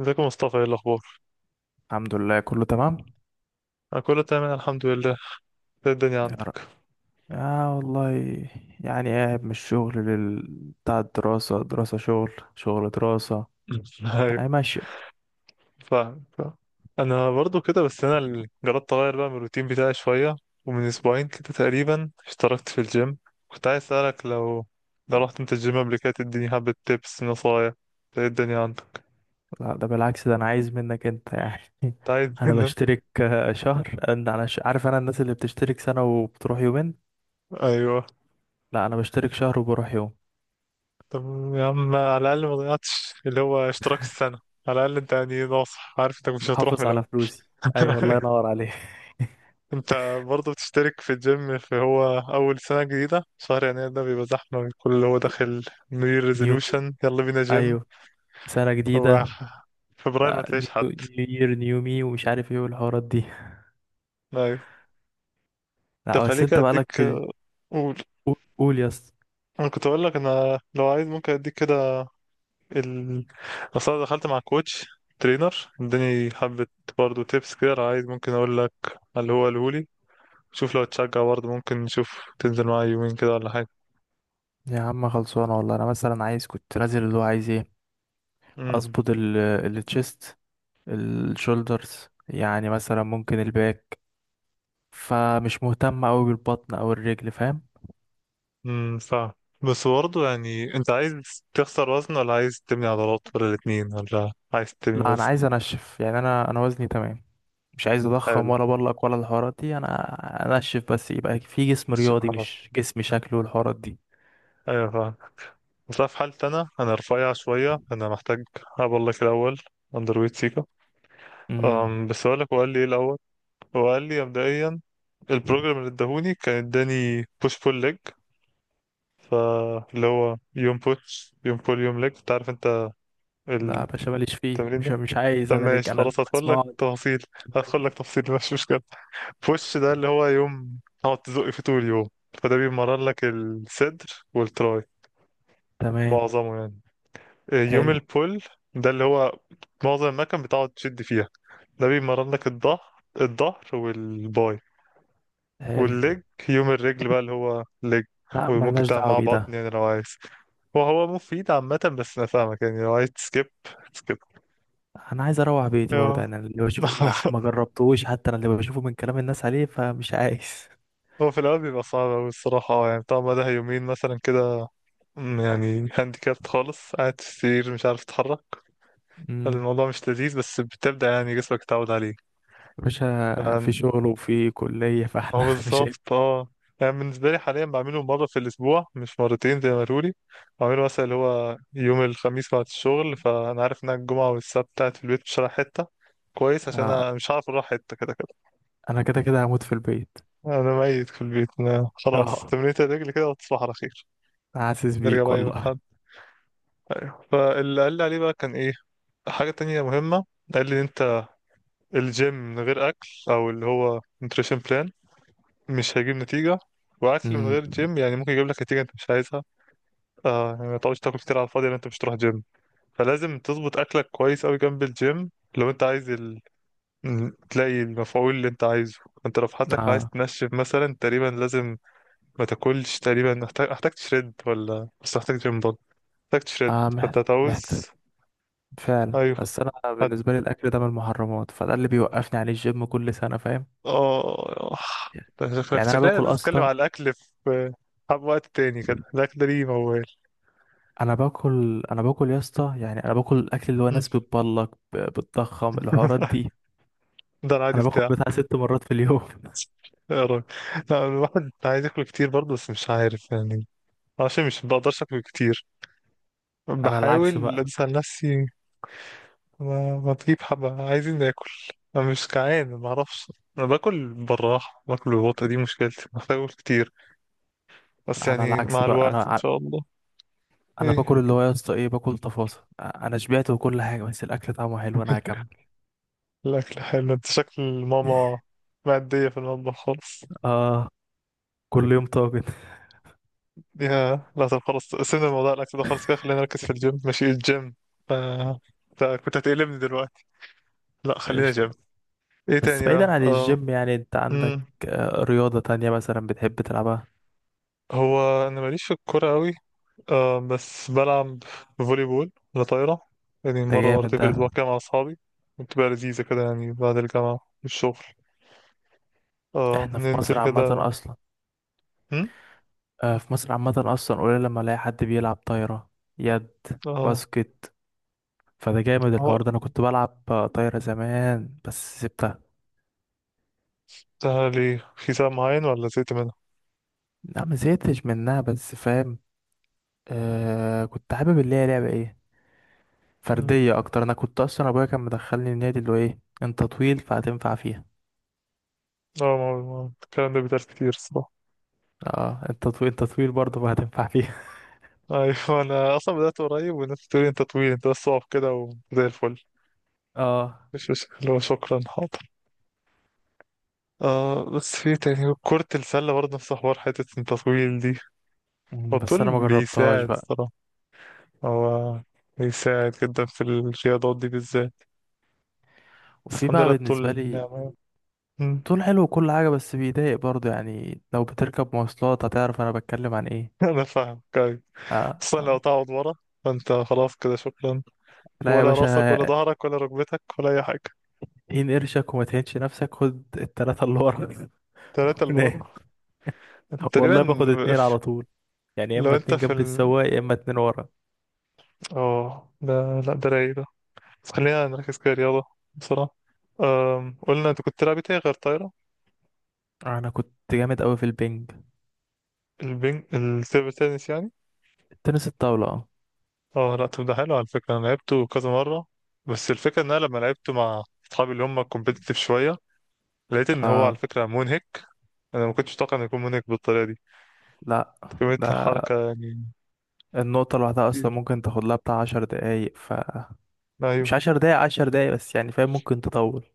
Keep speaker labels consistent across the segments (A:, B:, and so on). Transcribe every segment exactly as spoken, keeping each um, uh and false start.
A: ازيك يا مصطفى؟ ايه الاخبار؟
B: الحمد لله كله تمام.
A: انا كله تمام الحمد لله. ايه الدنيا
B: يا رب.
A: عندك؟
B: آه والله. يعني قاعد من الشغل لل... بتاع الدراسة، دراسة شغل شغل دراسة.
A: ايوه،
B: هي ماشية.
A: فاهم فاهم. انا برضو كده، بس انا اللي جربت اغير بقى من الروتين بتاعي شويه. ومن اسبوعين كده تقريبا اشتركت في الجيم. كنت عايز اسالك لو لو رحت انت الجيم قبل كده تديني حبه تيبس نصايح. ايه الدنيا عندك؟
B: لا ده بالعكس، ده أنا عايز منك أنت يعني
A: كنت عايز
B: أنا
A: منك.
B: بشترك آه، شهر. أنا أنا ش... عارف أنا الناس اللي بتشترك سنة وبتروح يومين.
A: ايوه،
B: لا أنا بشترك شهر وبروح يوم.
A: طب يا عم، على الاقل ما ضيعتش اللي هو اشتراك السنه. على الاقل انت يعني ناصح، عارف انك مش هتروح من
B: محافظ على
A: الاول.
B: فلوسي. أيوة الله ينور عليك.
A: انت برضه بتشترك في الجيم في، هو اول سنة جديدة شهر يناير ده بيبقى زحمة، الكل اللي هو داخل نيو يير
B: نيومي.
A: ريزولوشن يلا بينا جيم.
B: أيوة. سنة
A: هو
B: جديدة.
A: فبراير ما
B: آه، نيو
A: تلاقيش حد.
B: نيو يير نيو مي ومش عارف ايه والحوارات دي.
A: ايوه، طب
B: لا بس
A: خليك
B: انت بقالك
A: اديك،
B: في ال...
A: قول.
B: قول قول يا اسطى.
A: انا كنت اقول لك انا لو عايز ممكن اديك كده ال، أصل أنا دخلت مع كوتش، ترينر، اداني حبة برضه تيبس كده. لو عايز ممكن اقول لك اللي هو الهولي. شوف لو تشجع برضه ممكن نشوف تنزل معايا يومين كده ولا حاجة.
B: يا عم خلصانه والله، انا مثلا عايز كنت نازل اللي هو عايز ايه، اظبط ال التشيست، الشولدرز، يعني مثلا ممكن الباك، فمش مهتم قوي بالبطن او الرجل، فاهم.
A: امم ف بس برضه يعني انت عايز تخسر وزن ولا عايز تبني عضلات ولا الاتنين ولا عايز تبني
B: لا انا
A: وزن؟
B: عايز انشف، يعني انا انا وزني تمام، مش عايز اضخم
A: حلو،
B: ولا بلق ولا الحوارات دي، انا انشف بس يبقى في جسم
A: مش
B: رياضي
A: حرام.
B: مش جسم شكله والحوارات دي.
A: ايوه فاهم. بس أنا في حالتي، انا انا رفيع شويه، انا محتاج اقول لك الاول، اندر ويت سيكا.
B: امم
A: أم بس اقول لك هو قال لي ايه الاول. هو قال لي مبدئيا البروجرام اللي اداهوني كان اداني بوش بول ليج. فاللي هو يوم بوش، يوم بول، يوم ليج. انت عارف انت
B: لا يا
A: التمرين
B: باشا ماليش فيه، مش
A: ده.
B: مش عايز،
A: طب
B: انا ليك
A: ماشي
B: انا اللي
A: خلاص، هدخل لك
B: بسمعك.
A: تفاصيل. هدخل لك تفصيل، مش مشكله. بوش ده اللي هو يوم تقعد تزق فيه طول اليوم، فده بيمرن لك الصدر والتراي،
B: تمام.
A: معظمه يعني. آه، يوم
B: حلو.
A: البول ده اللي هو معظم المكان بتقعد تشد فيها، ده بيمرن لك الظهر، الظهر والباي.
B: حلو.
A: والليج، يوم الرجل بقى اللي هو ليج.
B: لا
A: وممكن
B: ملناش
A: تعمل
B: دعوه
A: معاه
B: بيه
A: بطن
B: ده.
A: يعني لو عايز، وهو مفيد عامة. بس أنا فاهمك، يعني لو عايز تسكيب تسكيب.
B: انا عايز اروح بيتي برضه،
A: أيوه.
B: يعني أنا اللي بشوفه، ما ما جربتوش، حتى انا اللي بشوفه من كلام الناس عليه، فمش عايز.
A: هو في الأول بيبقى صعب أوي الصراحة، اه، يعني بتاع مدى يومين مثلا كده. أمم، يعني هانديكابت خالص قاعد في السرير مش عارف تتحرك.
B: امم
A: الموضوع مش لذيذ، بس بتبدأ يعني جسمك يتعود عليه.
B: يا
A: ف-
B: باشا في شغل وفي كليه،
A: هو
B: فاحنا مش هينفع.
A: بالظبط اه. يعني بالنسبة لي حاليا بعمله مرة في الأسبوع، مش مرتين زي ما قالولي. بعمله مثلا اللي هو يوم الخميس بعد الشغل، فأنا عارف إن أنا الجمعة والسبت قاعد في البيت مش رايح حتة، كويس عشان
B: آه.
A: أنا مش عارف أروح حتة كده كده.
B: انا كده كده هموت في البيت.
A: أنا ميت في البيت، أنا خلاص
B: اه
A: تمرينة الرجل كده وتصبح على خير.
B: حاسس
A: نرجع
B: بيك
A: بقى يوم
B: والله.
A: الأحد. ايوه، فاللي قال لي عليه بقى كان ايه، حاجة تانية مهمة، قال لي إن انت الجيم من غير اكل او اللي هو نوتريشن بلان مش هيجيب نتيجة. واكل من
B: امم.
A: غير جيم يعني ممكن يجيب لك نتيجة انت مش عايزها. آه يعني ما تقعدش تاكل كتير على الفاضي لان انت مش تروح جيم. فلازم تظبط اكلك كويس اوي جنب الجيم لو انت عايز ال... م- تلاقي المفعول اللي انت عايزه. انت لو في حالتك عايز
B: اه.
A: تنشف مثلا تقريبا لازم ما تاكلش تقريبا. محتاج، محتاج تشرد ولا بس محتاج جيم برضه، محتاج تشرد.
B: اه مح-
A: فانت
B: محتاج
A: هتعوز.
B: فعلا،
A: ايوه،
B: بس انا بالنسبه لي الاكل ده من المحرمات، فده اللي بيوقفني عليه الجيم كل سنه، فاهم.
A: اه، آه. شكلك
B: يعني انا
A: شكلنا
B: باكل
A: لازم نتكلم
B: اصلا.
A: على الاكل في، حب وقت تاني كده، الاكل ده ليه موال.
B: انا باكل انا باكل يا اسطى، يعني انا باكل الاكل اللي هو
A: مم.
B: ناس بتبلك ب- بتضخم الحوارات دي.
A: ده العادي
B: انا باكل
A: بتاعه.
B: بتاع ست مرات في اليوم
A: يا راجل، لا الواحد عايز ياكل كتير برضه، بس مش عارف يعني، عشان مش بقدرش اكل كتير،
B: انا العكس
A: بحاول
B: بقى
A: انسى نفسي. ما, ما تجيب حبة عايزين ناكل. انا مش جعان ما اعرفش، انا باكل بالراحة، باكل ببطء، دي مشكلتي، محتاج اكل كتير. بس
B: انا
A: يعني
B: العكس
A: مع
B: بقى، انا
A: الوقت ان
B: ع-
A: شاء الله.
B: انا
A: ايه
B: باكل اللي هو يا اسطى ايه، باكل تفاصيل، انا شبعت وكل حاجه، بس الاكل طعمه حلو انا هكمل.
A: الأكل حلو، أنت شكل ماما مادية في المطبخ خالص.
B: اه. كل يوم طاجن
A: يا لا طب خلاص، سيبنا من موضوع الأكل ده خالص كده، خلينا نركز في الجيم. ماشي الجيم. ف... ف- كنت هتقلبني دلوقتي، لا خلينا
B: قشطه.
A: جيم. إيه
B: بس
A: تاني
B: بعيدا
A: بقى؟
B: عن
A: أم...
B: الجيم، يعني انت عندك
A: أم،
B: آه، رياضه تانية مثلا بتحب تلعبها؟
A: هو أنا ماليش في الكورة أوي. أم... بس بلعب فولي بول ولا طايرة، يعني
B: ده
A: مرة
B: جامد
A: مرتين في
B: ده.
A: الأسبوع كده مع أصحابي. بتبقى لذيذة كده يعني بعد الجامعة والشغل أه
B: احنا في
A: ننزل
B: مصر عامه
A: كده.
B: اصلا،
A: أم؟
B: آه، في مصر عامة أصلا قليل لما ألاقي حد بيلعب طايرة، يد،
A: أه،
B: باسكت. فده جامد
A: هو
B: الحوار ده، أنا كنت بلعب آه، طايرة زمان بس سبتها.
A: ده ليه؟ في ساعة معين ولا زهقت منها؟
B: لا ما زهقتش منها بس فاهم، آه، كنت حابب اللي هي لعبة ايه، فردية أكتر. أنا كنت أصلا أبويا كان مدخلني النادي اللي هو ايه، أنت طويل فهتنفع فيها.
A: اه، ما- ما- الكلام ده بيتقال كتير الصراحة.
B: اه أنت طويل، أنت طويل برضه فهتنفع فيها
A: ايوه، انا اصلا بدأت قريب والناس بتقول لي انت طويل انت، بس اقف كده وزي الفل.
B: اه.
A: مش، مش اللي هو شكرا حاضر. آه بس في إيه تاني، كرة السلة برضه نفس حوار حتة انت طويل دي. هو
B: مم، بس
A: الطول
B: أنا ما جربتهاش
A: بيساعد
B: بقى.
A: الصراحة. هو بيساعد جدا في الرياضات دي بالذات. بس
B: وفي
A: الحمد
B: بقى
A: لله
B: بالنسبة
A: الطول
B: لي،
A: نعمة. مم.
B: طول حلو وكل حاجة بس بيضايق برضه، يعني لو بتركب مواصلات هتعرف أنا بتكلم عن ايه.
A: انا فاهم كويس.
B: آه.
A: اصلا لو
B: آه.
A: تقعد ورا فانت خلاص كده شكرا،
B: لا يا
A: ولا راسك
B: باشا،
A: ولا ظهرك ولا ركبتك ولا اي حاجة.
B: تهين قرشك وما تهينش نفسك، خد التلاتة اللي ورا
A: تلاتة اللي
B: نام.
A: ورا، تقريبا.
B: والله باخد اتنين على طول، يعني يا اما
A: لو انت
B: اتنين
A: في
B: جنب
A: ال،
B: السواق يا اما اتنين ورا.
A: اه ده، لا ده رايق ده. بس خلينا نركز كده رياضة بسرعة. أم... قلنا انت كنت تلعب ايه تاني غير طايرة؟
B: انا كنت جامد قوي في البنج.
A: البينج، التيبل تنس يعني.
B: التنس الطاولة، اه.
A: اه لا طب ده حلو على فكرة، انا لعبته كذا مرة. بس الفكرة ان انا لما لعبته مع اصحابي اللي هم كومبيتيتيف شوية، لقيت ان هو على
B: آه،
A: فكرة منهك. انا ما كنتش متوقع انه يكون منهك بالطريقة دي.
B: لا
A: كمية
B: ده
A: حركة يعني
B: النقطة لوحدها أصلا
A: كتير.
B: ممكن تاخد لها بتاع عشر دقايق، ف
A: ايوه.
B: مش عشر دقايق عشر دقايق بس يعني، فاهم، ممكن تطول.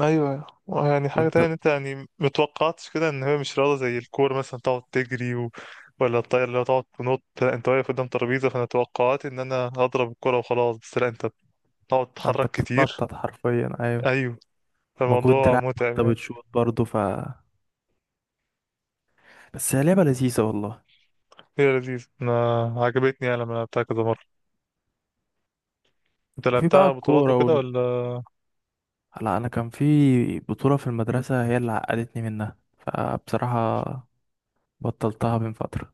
A: ايوه يعني حاجه
B: وانت
A: تانية، إن انت يعني متوقعتش كده ان هي مش رياضه زي الكوره مثلا تقعد تجري و... ولا الطايره اللي هو تقعد تنط. لا، انت واقف قدام ترابيزه، فانا توقعت ان انا هضرب الكوره وخلاص، بس لا انت بتقعد
B: انت
A: تتحرك كتير.
B: بتتنطط حرفيا، ايوه.
A: ايوه،
B: مجهود
A: فالموضوع
B: دراعك
A: متعب
B: وانت
A: يعني.
B: بتشوط برضه، ف بس هي لعبة لذيذة والله.
A: هي لذيذ، انا عجبتني يعني لما لعبتها كذا مره. انت
B: وفي بقى
A: لعبتها بطولات
B: الكورة.
A: وكده ولا؟
B: لا انا كان في بطولة في المدرسة، هي اللي عقدتني منها، فبصراحة بطلتها من فترة.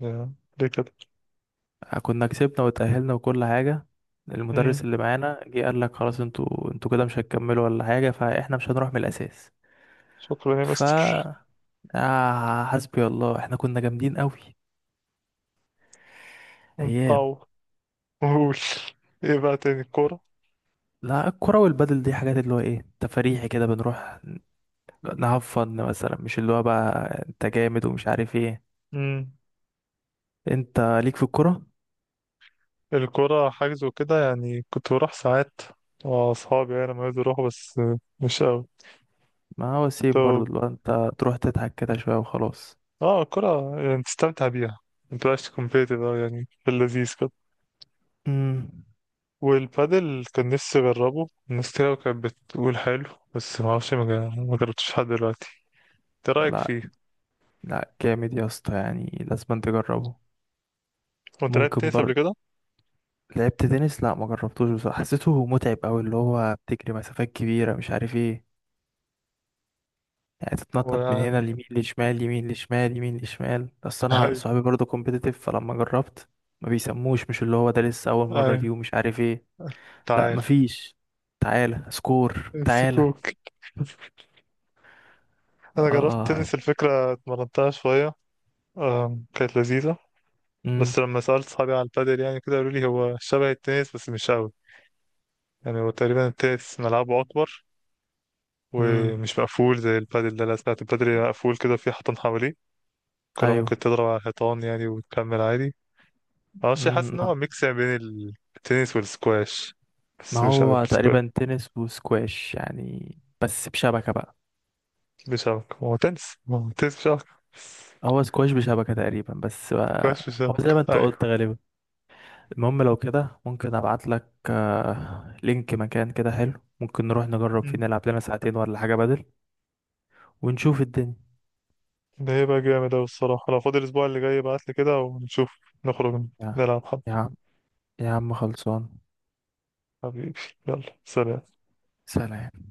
A: يا، ليه كده؟
B: كنا كسبنا وتأهلنا وكل حاجة، المدرس
A: امم،
B: اللي معانا جه قال لك خلاص انتوا، انتوا كده مش هتكملوا ولا حاجة، فاحنا مش هنروح من الأساس.
A: شكرا يا
B: ف
A: مستر.
B: آه حسبي الله، احنا كنا جامدين قوي،
A: انت
B: ايام.
A: قول، ايه بقى تاني، الكوره؟
B: لا الكرة والبدل دي حاجات اللي هو ايه، تفريحي كده، بنروح نهفن مثلا، مش اللي هو بقى انت جامد ومش عارف ايه.
A: امم،
B: انت ليك في الكرة.
A: الكرة حجز وكده يعني، كنت بروح ساعات مع أصحابي يعني لما يقدروا يروحوا، بس مش أوي.
B: ما هو سيم برضو،
A: طب
B: اللي هو انت تروح تضحك كده شوية وخلاص.
A: اه الكرة يعني تستمتع بيها، متبقاش كومبيتيتيف أوي يعني، في اللذيذ كده.
B: امم.
A: والبادل كان نفسي أجربه، الناس كتير أوي كانت بتقول حلو، بس معرفش ما جا- ما جربتش لحد دلوقتي. ايه رأيك
B: لا،
A: فيه؟
B: لا جامد يا اسطى، يعني لازم انت تجربه.
A: كنت لعبت
B: ممكن
A: تنس قبل
B: برضه.
A: كده؟
B: لعبت تنس، لا ما جربتوش بصراحة، حسيته متعب قوي، اللي هو بتجري مسافات كبيرة مش عارف ايه، يعني تتنطط من هنا
A: ويعني.
B: اليمين لشمال، يمين لشمال، يمين لشمال، بس انا
A: أيوه،
B: صحابي برضه كومبيتيتيف، فلما جربت ما بيسموش، مش اللي هو ده لسه اول مرة
A: أيوه.
B: ليه ومش عارف ايه. لا
A: تعالى
B: مفيش. تعالى سكور تعالى.
A: السكوك، أنا
B: اه.
A: جربت
B: اه.
A: تنس الفكرة اتمرنتها شوية. آم، كانت لذيذة.
B: امم.
A: بس لما سألت صحابي على البادل يعني كده، قالوا لي هو شبه التنس بس مش قوي. يعني هو تقريبا التنس ملعبه أكبر،
B: امم.
A: ومش مقفول زي البادل ده. لا سمعت البادل مقفول كده في حيطان حواليه، الكرة
B: ايوه.
A: ممكن تضرب على الحيطان يعني وتكمل عادي. معرفش، حاسس
B: مم.
A: إن هو ميكس يعني بين التنس والسكواش،
B: ما
A: بس مش عارف
B: هو
A: السكواش.
B: تقريبا تنس وسكواش يعني، بس بشبكة بقى.
A: مش شبكة، هو تنس، هو تنس بشبكة بس.
B: هو سكواش بشبكة تقريبا، بس
A: سكواش
B: بقى هو
A: بشبكة،
B: زي ما انت
A: أيوه.
B: قلت غالبا. المهم لو كده ممكن ابعت لك آه، لينك مكان كده حلو، ممكن نروح نجرب فيه،
A: مم.
B: نلعب لنا ساعتين ولا حاجة بدل ونشوف الدنيا.
A: ده هيبقى جامد أوي الصراحة، لو فاضي الأسبوع اللي جاي ابعتلي كده ونشوف. نخرج
B: يا،
A: نلعب حب.
B: يا عم، يا عم خلصان.
A: حبيبي، يلا سلام.
B: سلام.